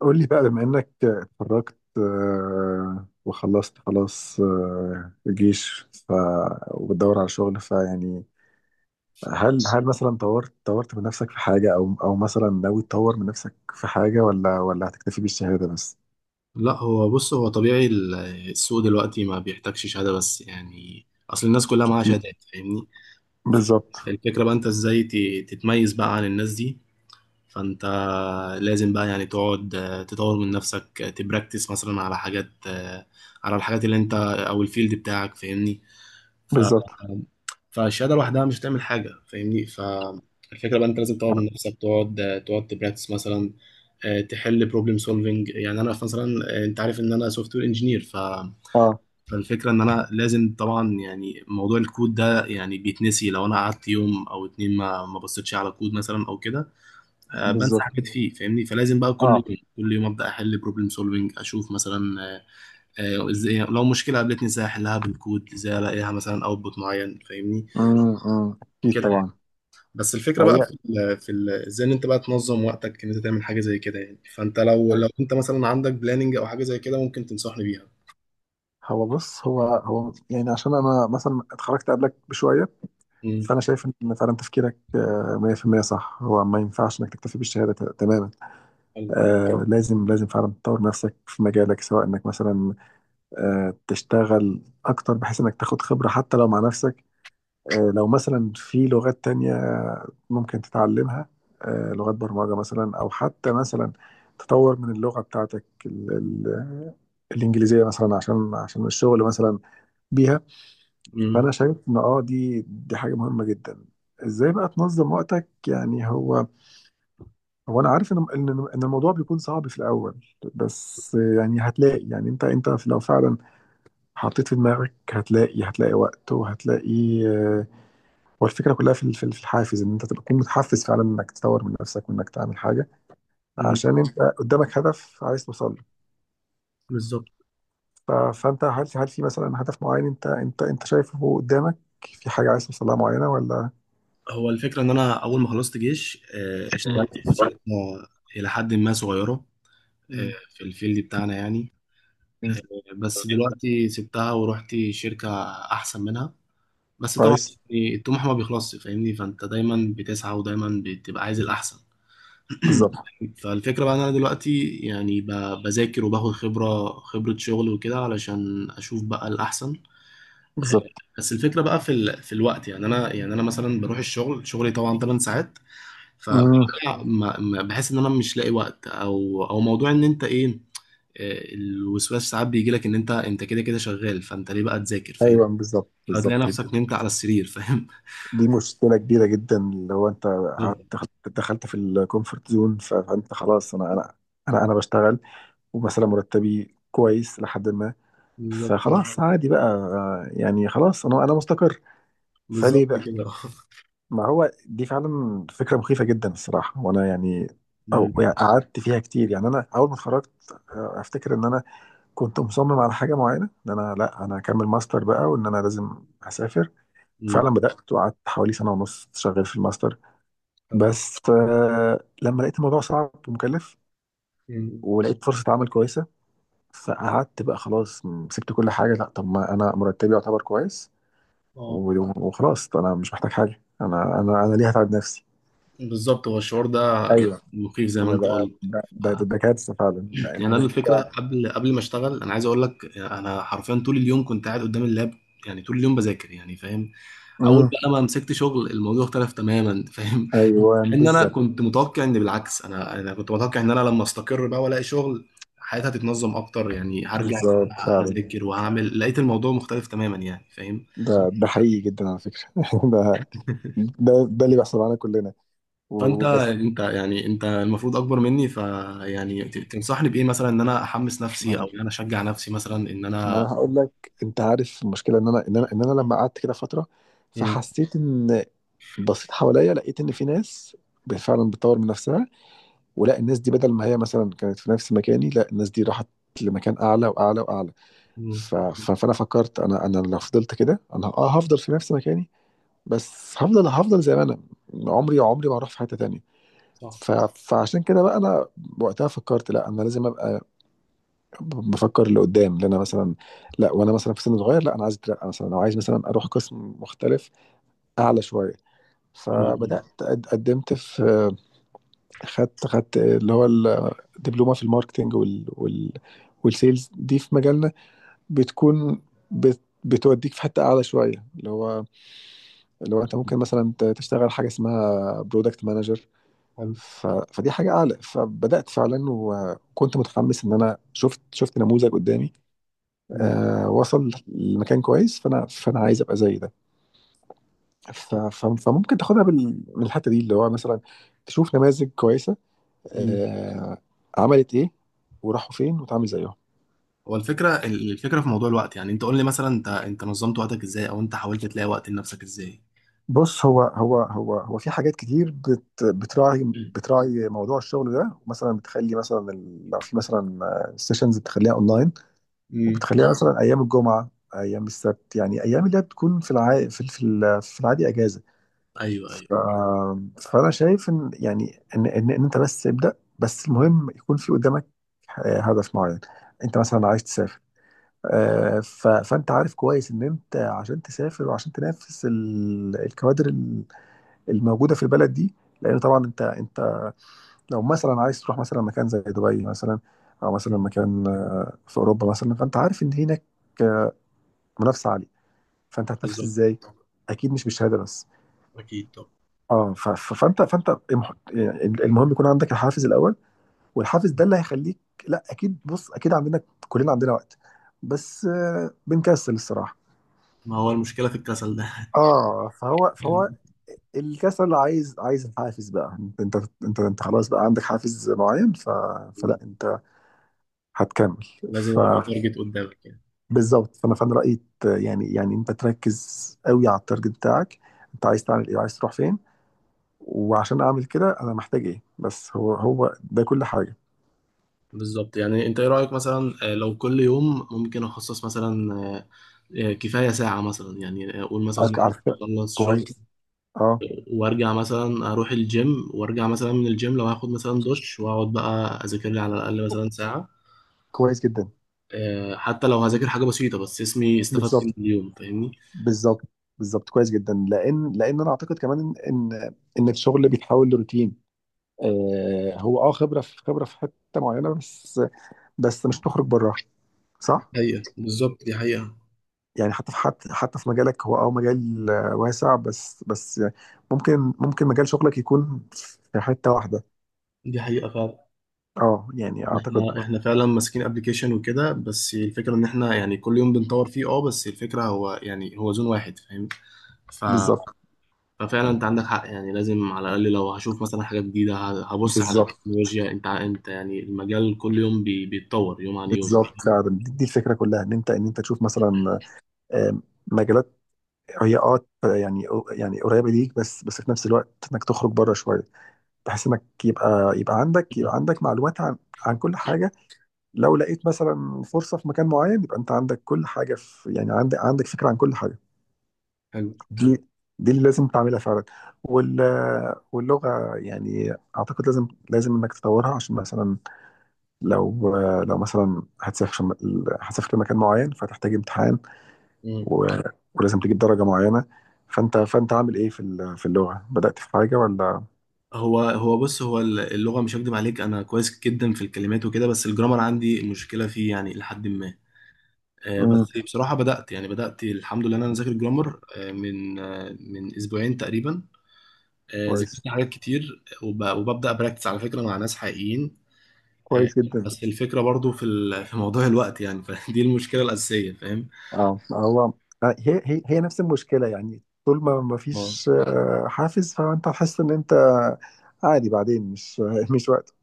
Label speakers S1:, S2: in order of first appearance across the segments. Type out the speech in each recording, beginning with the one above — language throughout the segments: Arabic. S1: قول لي بقى، بما انك اتخرجت وخلصت خلاص، الجيش. وبتدور على شغل، فيعني هل مثلا طورت من نفسك في حاجة، او مثلا ناوي تطور من نفسك في حاجة، ولا هتكتفي بالشهادة بس؟
S2: لا، هو بص هو طبيعي السوق دلوقتي ما بيحتاجش شهادة بس، يعني أصل الناس كلها معاها شهادات، فاهمني؟
S1: بالظبط،
S2: فالفكرة بقى أنت إزاي تتميز بقى عن الناس دي. فأنت لازم بقى يعني تقعد، تطور من نفسك، تبراكتس مثلا على حاجات، على الحاجات اللي أنت أو الفيلد بتاعك، فاهمني؟ ف
S1: بالظبط.
S2: فالشهادة لوحدها مش هتعمل حاجة، فاهمني؟ فالفكرة بقى أنت لازم تطور من نفسك تقعد، تقعد تبراكتس مثلا، تحل بروبلم سولفنج. يعني انا مثلا، انت عارف ان انا سوفت وير انجينير.
S1: اه،
S2: فالفكره ان انا لازم طبعا، يعني موضوع الكود ده يعني بيتنسي، لو انا قعدت يوم او اتنين ما بصيتش على كود مثلا او كده، بنسى
S1: بالظبط.
S2: حاجات فيه، فاهمني؟ فلازم بقى كل
S1: اه.
S2: يوم كل يوم ابدا احل بروبلم سولفنج، اشوف مثلا، ازاي لو مشكله قابلتني ازاي احلها بالكود، ازاي الاقيها مثلا اوتبوت معين، فاهمني؟
S1: امم. أمم. اكيد
S2: وكده يعني.
S1: طبعا.
S2: بس الفكره بقى
S1: هي
S2: في ال في ال ازاي ان انت بقى تنظم وقتك، ان انت تعمل حاجه زي كده، يعني فانت لو انت مثلا عندك بلاننج او حاجه زي كده ممكن تنصحني بيها.
S1: هو بص، هو يعني عشان انا مثلا اتخرجت قبلك بشوية،
S2: امم.
S1: فانا شايف ان فعلا تفكيرك 100% صح. هو ما ينفعش انك تكتفي بالشهاده تماما.
S2: حلو.
S1: لازم فعلا تطور نفسك في مجالك، سواء انك مثلا تشتغل اكتر بحيث انك تاخد خبره حتى لو مع نفسك، لو مثلا في لغات تانية ممكن تتعلمها، لغات برمجه مثلا، او حتى مثلا تطور من اللغه بتاعتك الانجليزيه مثلا، عشان الشغل مثلا بيها.
S2: امم،
S1: فانا شايف ان دي حاجه مهمه جدا. ازاي بقى تنظم وقتك؟ يعني هو انا عارف ان إن الموضوع بيكون صعب في الاول، بس يعني هتلاقي، يعني انت لو فعلا حطيت في دماغك هتلاقي، وقت، وهتلاقي. هو الفكره كلها في الحافز، ان انت تبقى تكون متحفز فعلا انك تطور من نفسك وانك تعمل حاجه،
S2: امم.
S1: عشان انت قدامك هدف عايز توصل له.
S2: بالظبط.
S1: فانت هل في مثلا هدف معين انت شايفه قدامك؟ في حاجه عايز توصل لها معينه ولا؟
S2: هو الفكره ان انا اول ما خلصت جيش، اشتغلت في شركه الى حد ما صغيره، آه،
S1: مم.
S2: في الفيلد بتاعنا يعني، بس
S1: مم.
S2: دلوقتي سبتها ورحت شركه احسن منها. بس طبعا
S1: كويس.
S2: يعني الطموح ما بيخلصش، فاهمني؟ فانت دايما بتسعى ودايما بتبقى عايز الاحسن.
S1: بالظبط.
S2: فالفكرة بقى ان انا دلوقتي يعني بذاكر وباخد خبرة شغل وكده، علشان اشوف بقى الاحسن. آه،
S1: بالظبط.
S2: بس الفكرة بقى في في الوقت. يعني انا مثلا بروح الشغل، شغلي طبعا 8 ساعات،
S1: امم.
S2: فبرجع ما بحس ان انا مش لاقي وقت، او موضوع ان انت ايه، الوسواس ساعات بيجي لك ان انت كده كده شغال، فانت ليه بقى تذاكر، فاهم؟
S1: ايوه، بالظبط،
S2: فهتلاقي
S1: بالظبط.
S2: نفسك نمت على السرير، فاهم؟
S1: دي مشكله كبيره جدا، اللي هو انت قعدت دخلت في الكومفورت زون، فانت خلاص، انا انا بشتغل، ومثلا مرتبي كويس لحد ما،
S2: بالظبط،
S1: فخلاص عادي بقى، يعني خلاص، انا مستقر،
S2: بالظبط
S1: فليه بقى؟
S2: كده.
S1: ما هو دي فعلا فكره مخيفه جدا الصراحه، وانا يعني او
S2: مم.
S1: يعني قعدت فيها كتير. يعني انا اول ما اتخرجت افتكر ان انا كنت مصمم على حاجه معينه، ان انا لا انا هكمل ماستر بقى، وان انا لازم اسافر،
S2: مم.
S1: فعلا. بدات وقعدت حوالي سنه ونص شغال في الماستر،
S2: حلو.
S1: بس لما لقيت الموضوع صعب ومكلف،
S2: مم.
S1: ولقيت فرصه عمل كويسه، فقعدت بقى خلاص، سبت كل حاجه. لا طب، ما انا مرتبي يعتبر كويس،
S2: اه.
S1: وخلاص طب انا مش محتاج حاجه، انا ليه هتعب نفسي؟
S2: بالظبط. هو الشعور ده يعني
S1: ايوه.
S2: مخيف زي ما
S1: انا
S2: انت
S1: بقى
S2: قلت. آه،
S1: ده كارثه فعلا،
S2: يعني
S1: لان
S2: انا
S1: انت.
S2: الفكره قبل ما اشتغل، انا عايز اقول لك انا حرفيا طول اليوم كنت قاعد قدام اللاب، يعني طول اليوم بذاكر، يعني فاهم؟ اول
S1: مم.
S2: بقى ما مسكت شغل الموضوع اختلف تماما. فاهم؟
S1: ايوه،
S2: مع ان انا
S1: بالظبط،
S2: كنت متوقع ان بالعكس، انا كنت متوقع ان انا لما استقر بقى والاقي شغل حياتي هتتنظم اكتر، يعني هرجع
S1: بالظبط، فعلا.
S2: هذاكر وهعمل، لقيت الموضوع مختلف تماما، يعني فاهم؟
S1: ده ده حقيقي جدا على فكرة ده ده اللي بيحصل معانا كلنا،
S2: فانت
S1: وبس.
S2: انت يعني انت المفروض اكبر مني، فيعني تنصحني بايه، مثلا ان انا احمس نفسي او
S1: ما
S2: ان انا اشجع نفسي مثلا ان
S1: ما
S2: انا.
S1: انا هقول لك، انت عارف المشكلة، ان انا لما قعدت كده فترة
S2: مم.
S1: فحسيت ان بصيت حواليا، لقيت ان في ناس فعلا بتطور من نفسها، ولا الناس دي بدل ما هي مثلا كانت في نفس مكاني، لا الناس دي راحت لمكان اعلى واعلى واعلى.
S2: مم.
S1: فانا فكرت انا لو فضلت كده انا اه هفضل في نفس مكاني، بس هفضل زي ما انا، عمري عمري ما هروح في حتة تانية.
S2: صح.
S1: فعشان كده بقى انا وقتها فكرت لا، انا لازم ابقى بفكر لقدام، لان انا مثلا لا وانا مثلا في سن صغير، لا انا عايز اترقى مثلا، او عايز مثلا اروح قسم مختلف اعلى شويه. فبدات
S2: مم.
S1: قدمت في، خدت اللي هو الدبلومه في الماركتينج والسيلز. دي في مجالنا بتكون، بتوديك في حته اعلى شويه، اللي هو انت ممكن مثلا تشتغل حاجه اسمها برودكت مانجر.
S2: حلو.
S1: فدي حاجة أعلى. فبدأت فعلا، وكنت متحمس إن أنا شفت نموذج قدامي،
S2: مم.
S1: آه، وصل لمكان كويس، فأنا عايز أبقى زي ده. فممكن تاخدها من الحتة دي، اللي هو مثلا تشوف نماذج كويسة.
S2: مم.
S1: آه، عملت إيه، وراحوا فين، وتعمل زيهم.
S2: هو الفكره في موضوع الوقت، يعني انت قول لي مثلا انت نظمت وقتك ازاي، او انت حاولت تلاقي وقت لنفسك ازاي؟
S1: بص، هو هو هو هو في حاجات كتير بت بتراعي،
S2: مم.
S1: بتراعي موضوع الشغل ده، مثلا بتخلي مثلا لو في مثلا سيشنز بتخليها اونلاين،
S2: مم.
S1: وبتخليها مثلا ايام الجمعه، ايام السبت، يعني ايام اللي هي بتكون في الع... في في ال- في العادي اجازه.
S2: ايوه، ايوه.
S1: ف... فانا شايف ان يعني إن انت بس ابدا، بس المهم يكون في قدامك هدف معين. انت مثلا عايز تسافر، فانت عارف كويس ان انت عشان تسافر، وعشان تنافس الكوادر الموجوده في البلد دي، لان طبعا انت انت لو مثلا عايز تروح مثلا مكان زي دبي مثلا، او مثلا مكان في اوروبا مثلا، فانت عارف ان هناك آه، منافسه عاليه، فانت هتنافس
S2: بالظبط.
S1: ازاي؟ اكيد مش بالشهاده بس.
S2: اكيد. طب،
S1: اه، فانت يعني المهم يكون عندك الحافز الاول، والحافز ده اللي هيخليك. لا، اكيد، بص، اكيد عندنا، كلنا عندنا وقت، بس بنكسل الصراحه.
S2: ما هو المشكله في الكسل ده.
S1: اه فهو الكسل عايز الحافز بقى. انت خلاص بقى عندك حافز معين، فلا انت هتكمل.
S2: لازم
S1: ف
S2: يبقى في تارجت قدامك.
S1: بالظبط. فانا رايي يعني يعني انت تركز قوي على التارجت بتاعك، انت عايز تعمل ايه، عايز تروح فين، وعشان اعمل كده انا محتاج ايه، بس هو هو ده كل حاجه.
S2: بالظبط. يعني انت ايه رأيك مثلا، لو كل يوم ممكن اخصص مثلا، كفاية ساعة مثلا، يعني اقول مثلا إن أنا
S1: على فكره،
S2: بخلص شغل
S1: كويس. اه.
S2: وارجع مثلا اروح الجيم، وارجع مثلا من الجيم لو هاخد مثلا دش واقعد بقى اذاكر لي على الاقل مثلا ساعة.
S1: كويس جدا.
S2: حتى لو هذاكر حاجة بسيطة، بس اسمي استفدت من
S1: بالظبط.
S2: اليوم، فاهمني؟
S1: بالظبط. بالظبط كويس جدا، لان انا اعتقد كمان ان ان إن الشغل بيتحول لروتين. آه هو اه خبره في حته معينه بس، مش تخرج براها. صح،
S2: حقيقة، بالظبط، دي حقيقة،
S1: يعني حتى في حتى حتى في مجالك، هو مجال واسع، بس ممكن مجال شغلك يكون في حته واحده.
S2: دي حقيقة فعلا،
S1: اه يعني
S2: إن
S1: اعتقد.
S2: احنا فعلا ماسكين ابلكيشن وكده، بس الفكرة ان احنا يعني كل يوم بنطور فيه اه، بس الفكرة هو يعني هو زون واحد، فاهم؟ ف
S1: بالظبط،
S2: ففعلا انت عندك حق، يعني لازم على الاقل لو هشوف مثلا حاجه جديده، هبص على
S1: بالظبط،
S2: التكنولوجيا. انت يعني المجال كل يوم بيتطور يوم عن يوم.
S1: بالظبط فعلا. دي دي الفكره كلها ان انت تشوف مثلا آم، مجالات هي يعني قريبه ليك، بس في نفس الوقت انك تخرج بره شويه، بحيث انك يبقى عندك معلومات عن كل حاجه، لو لقيت مثلا فرصه في مكان معين، يبقى انت عندك كل حاجه، في يعني عندك فكره عن كل حاجه.
S2: حلو.
S1: دي دي اللي لازم تعملها فعلا. وال واللغه يعني اعتقد لازم انك تطورها عشان مثلا لو لو مثلا هتسافر، لمكان معين، فتحتاج امتحان،
S2: مم.
S1: و... ولازم تجيب درجة معينة. فانت عامل ايه في اللغة؟ بدأت في حاجة ولا؟
S2: هو بص، هو اللغه مش هكدب عليك، انا كويس جدا في الكلمات وكده، بس الجرامر عندي مشكله فيه يعني الى حد ما.
S1: امم.
S2: بس بصراحه بدات الحمد لله، إن انا ذاكر جرامر، من اسبوعين تقريبا.
S1: كويس
S2: ذاكرت حاجات كتير وببدا براكتس على فكره مع ناس حقيقيين. آه،
S1: كويس جدا.
S2: بس الفكرة برضو في في موضوع الوقت، يعني فدي المشكلة الأساسية، فاهم؟
S1: اه. هو هي نفس المشكلة، يعني طول ما
S2: اه.
S1: فيش حافز، فانت هتحس ان انت عادي، بعدين مش مش وقت.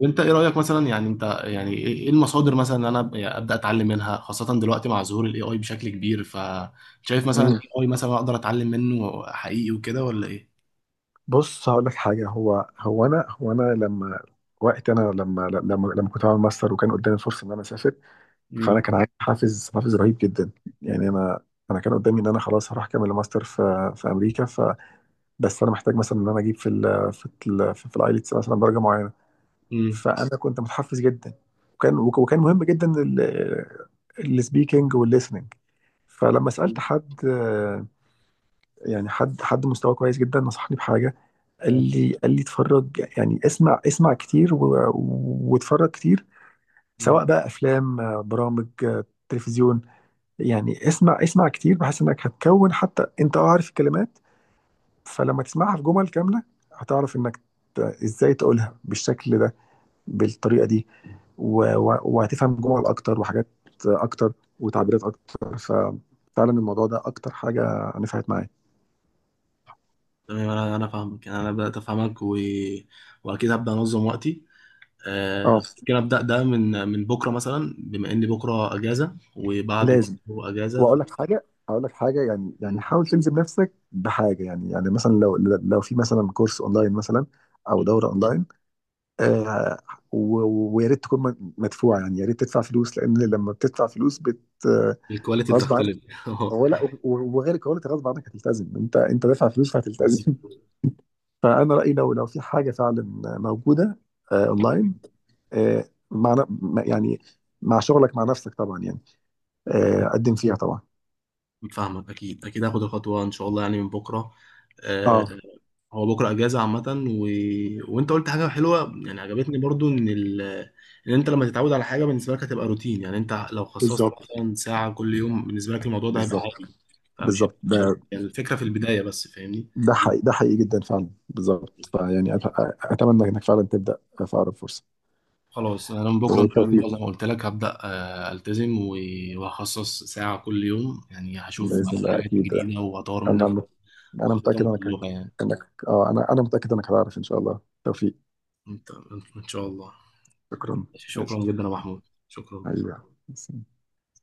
S2: وانت ايه رأيك مثلا، يعني انت يعني إيه المصادر مثلا ان انا يعني ابدأ اتعلم منها، خاصة دلوقتي مع ظهور الاي اي بشكل كبير، فشايف مثلا
S1: امم.
S2: الاي اي مثلا اقدر اتعلم منه حقيقي وكده، ولا ايه؟
S1: بص، هقول لك حاجة. هو هو انا هو انا لما وقت انا لما لما لما كنت بعمل ماستر، وكان قدامي فرصة ان انا اسافر، فانا
S2: مم.
S1: كان عندي حافز رهيب جدا، يعني انا كان قدامي ان انا خلاص هروح اكمل الماستر في امريكا. بس انا محتاج مثلا ان انا اجيب في الايلتس مثلا درجه معينه.
S2: امم.
S1: فانا كنت متحفز جدا، وكان مهم جدا السبيكنج والليسننج. فلما سالت حد، يعني حد مستواه كويس جدا، نصحني بحاجه. قال
S2: اه.
S1: لي اتفرج، يعني اسمع اسمع كتير، واتفرج كتير،
S2: مم.
S1: سواء بقى افلام، برامج، تلفزيون. يعني اسمع اسمع كتير بحيث انك هتكون حتى انت عارف الكلمات، فلما تسمعها في جمل كامله هتعرف انك ازاي تقولها بالشكل ده، بالطريقه دي، وهتفهم جمل اكتر، وحاجات اكتر، وتعبيرات اكتر. ففعلا الموضوع ده اكتر حاجه نفعت معايا.
S2: تمام، انا فاهمك، يعني انا بدأت افهمك، و... واكيد هبدأ انظم وقتي.
S1: اه،
S2: ممكن ابدأ ده من بكرة، مثلا بما ان بكرة اجازة وبعده
S1: لازم.
S2: برضه اجازة.
S1: واقول لك حاجه، هقول لك حاجه، يعني
S2: ف...
S1: حاول تلزم نفسك بحاجه، يعني مثلا لو في مثلا كورس اونلاين مثلا، او دوره اونلاين، آه، ويا ريت تكون مدفوعه، يعني يا ريت تدفع فلوس، لان لما بتدفع فلوس بت. آه،
S2: الكواليتي
S1: غصب
S2: بتختلف.
S1: عنك.
S2: اه.
S1: هو لا، وغير كده انت غصب عنك هتلتزم، انت دافع فلوس فهتلتزم.
S2: بالظبط.
S1: فانا رايي لو في حاجه فعلا موجوده، اونلاين، آه، مع يعني مع شغلك مع نفسك طبعا، يعني قدم فيها طبعا.
S2: فاهمك، اكيد اكيد هاخد الخطوه ان شاء الله، يعني من بكره. آه.
S1: اه،
S2: هو بكره اجازه عامه، و... وانت قلت حاجه حلوه، يعني عجبتني برضو ان انت لما تتعود على حاجه بالنسبه لك هتبقى روتين، يعني انت لو خصصت
S1: بالظبط،
S2: مثلا ساعه كل يوم بالنسبه لك الموضوع ده هيبقى
S1: بالظبط،
S2: عادي. فمش
S1: بالظبط.
S2: مش هت- يعني الفكره في البدايه بس، فاهمني؟
S1: ده حقيقي، ده حقيقي جدا فعلا، بالظبط، فيعني اتمنى انك فعلا تبدا في اقرب فرصه.
S2: خلاص انا من بكره ان شاء الله
S1: والتوفيق.
S2: زي ما قلت لك هبدا، التزم، و- وهخصص ساعه كل يوم، يعني هشوف
S1: باذن الله
S2: الحاجات
S1: اكيد.
S2: الجديده واطور من نفسي.
S1: انا
S2: خطتهم
S1: متاكد
S2: في
S1: انك
S2: اللغة يعني.
S1: انك انا متاكد انك هتعرف ان شاء الله توفيق.
S2: انت ان شاء الله.
S1: شكرا.
S2: شكرا
S1: ماشي
S2: جدا يا محمود. شكرا.
S1: حبيبي.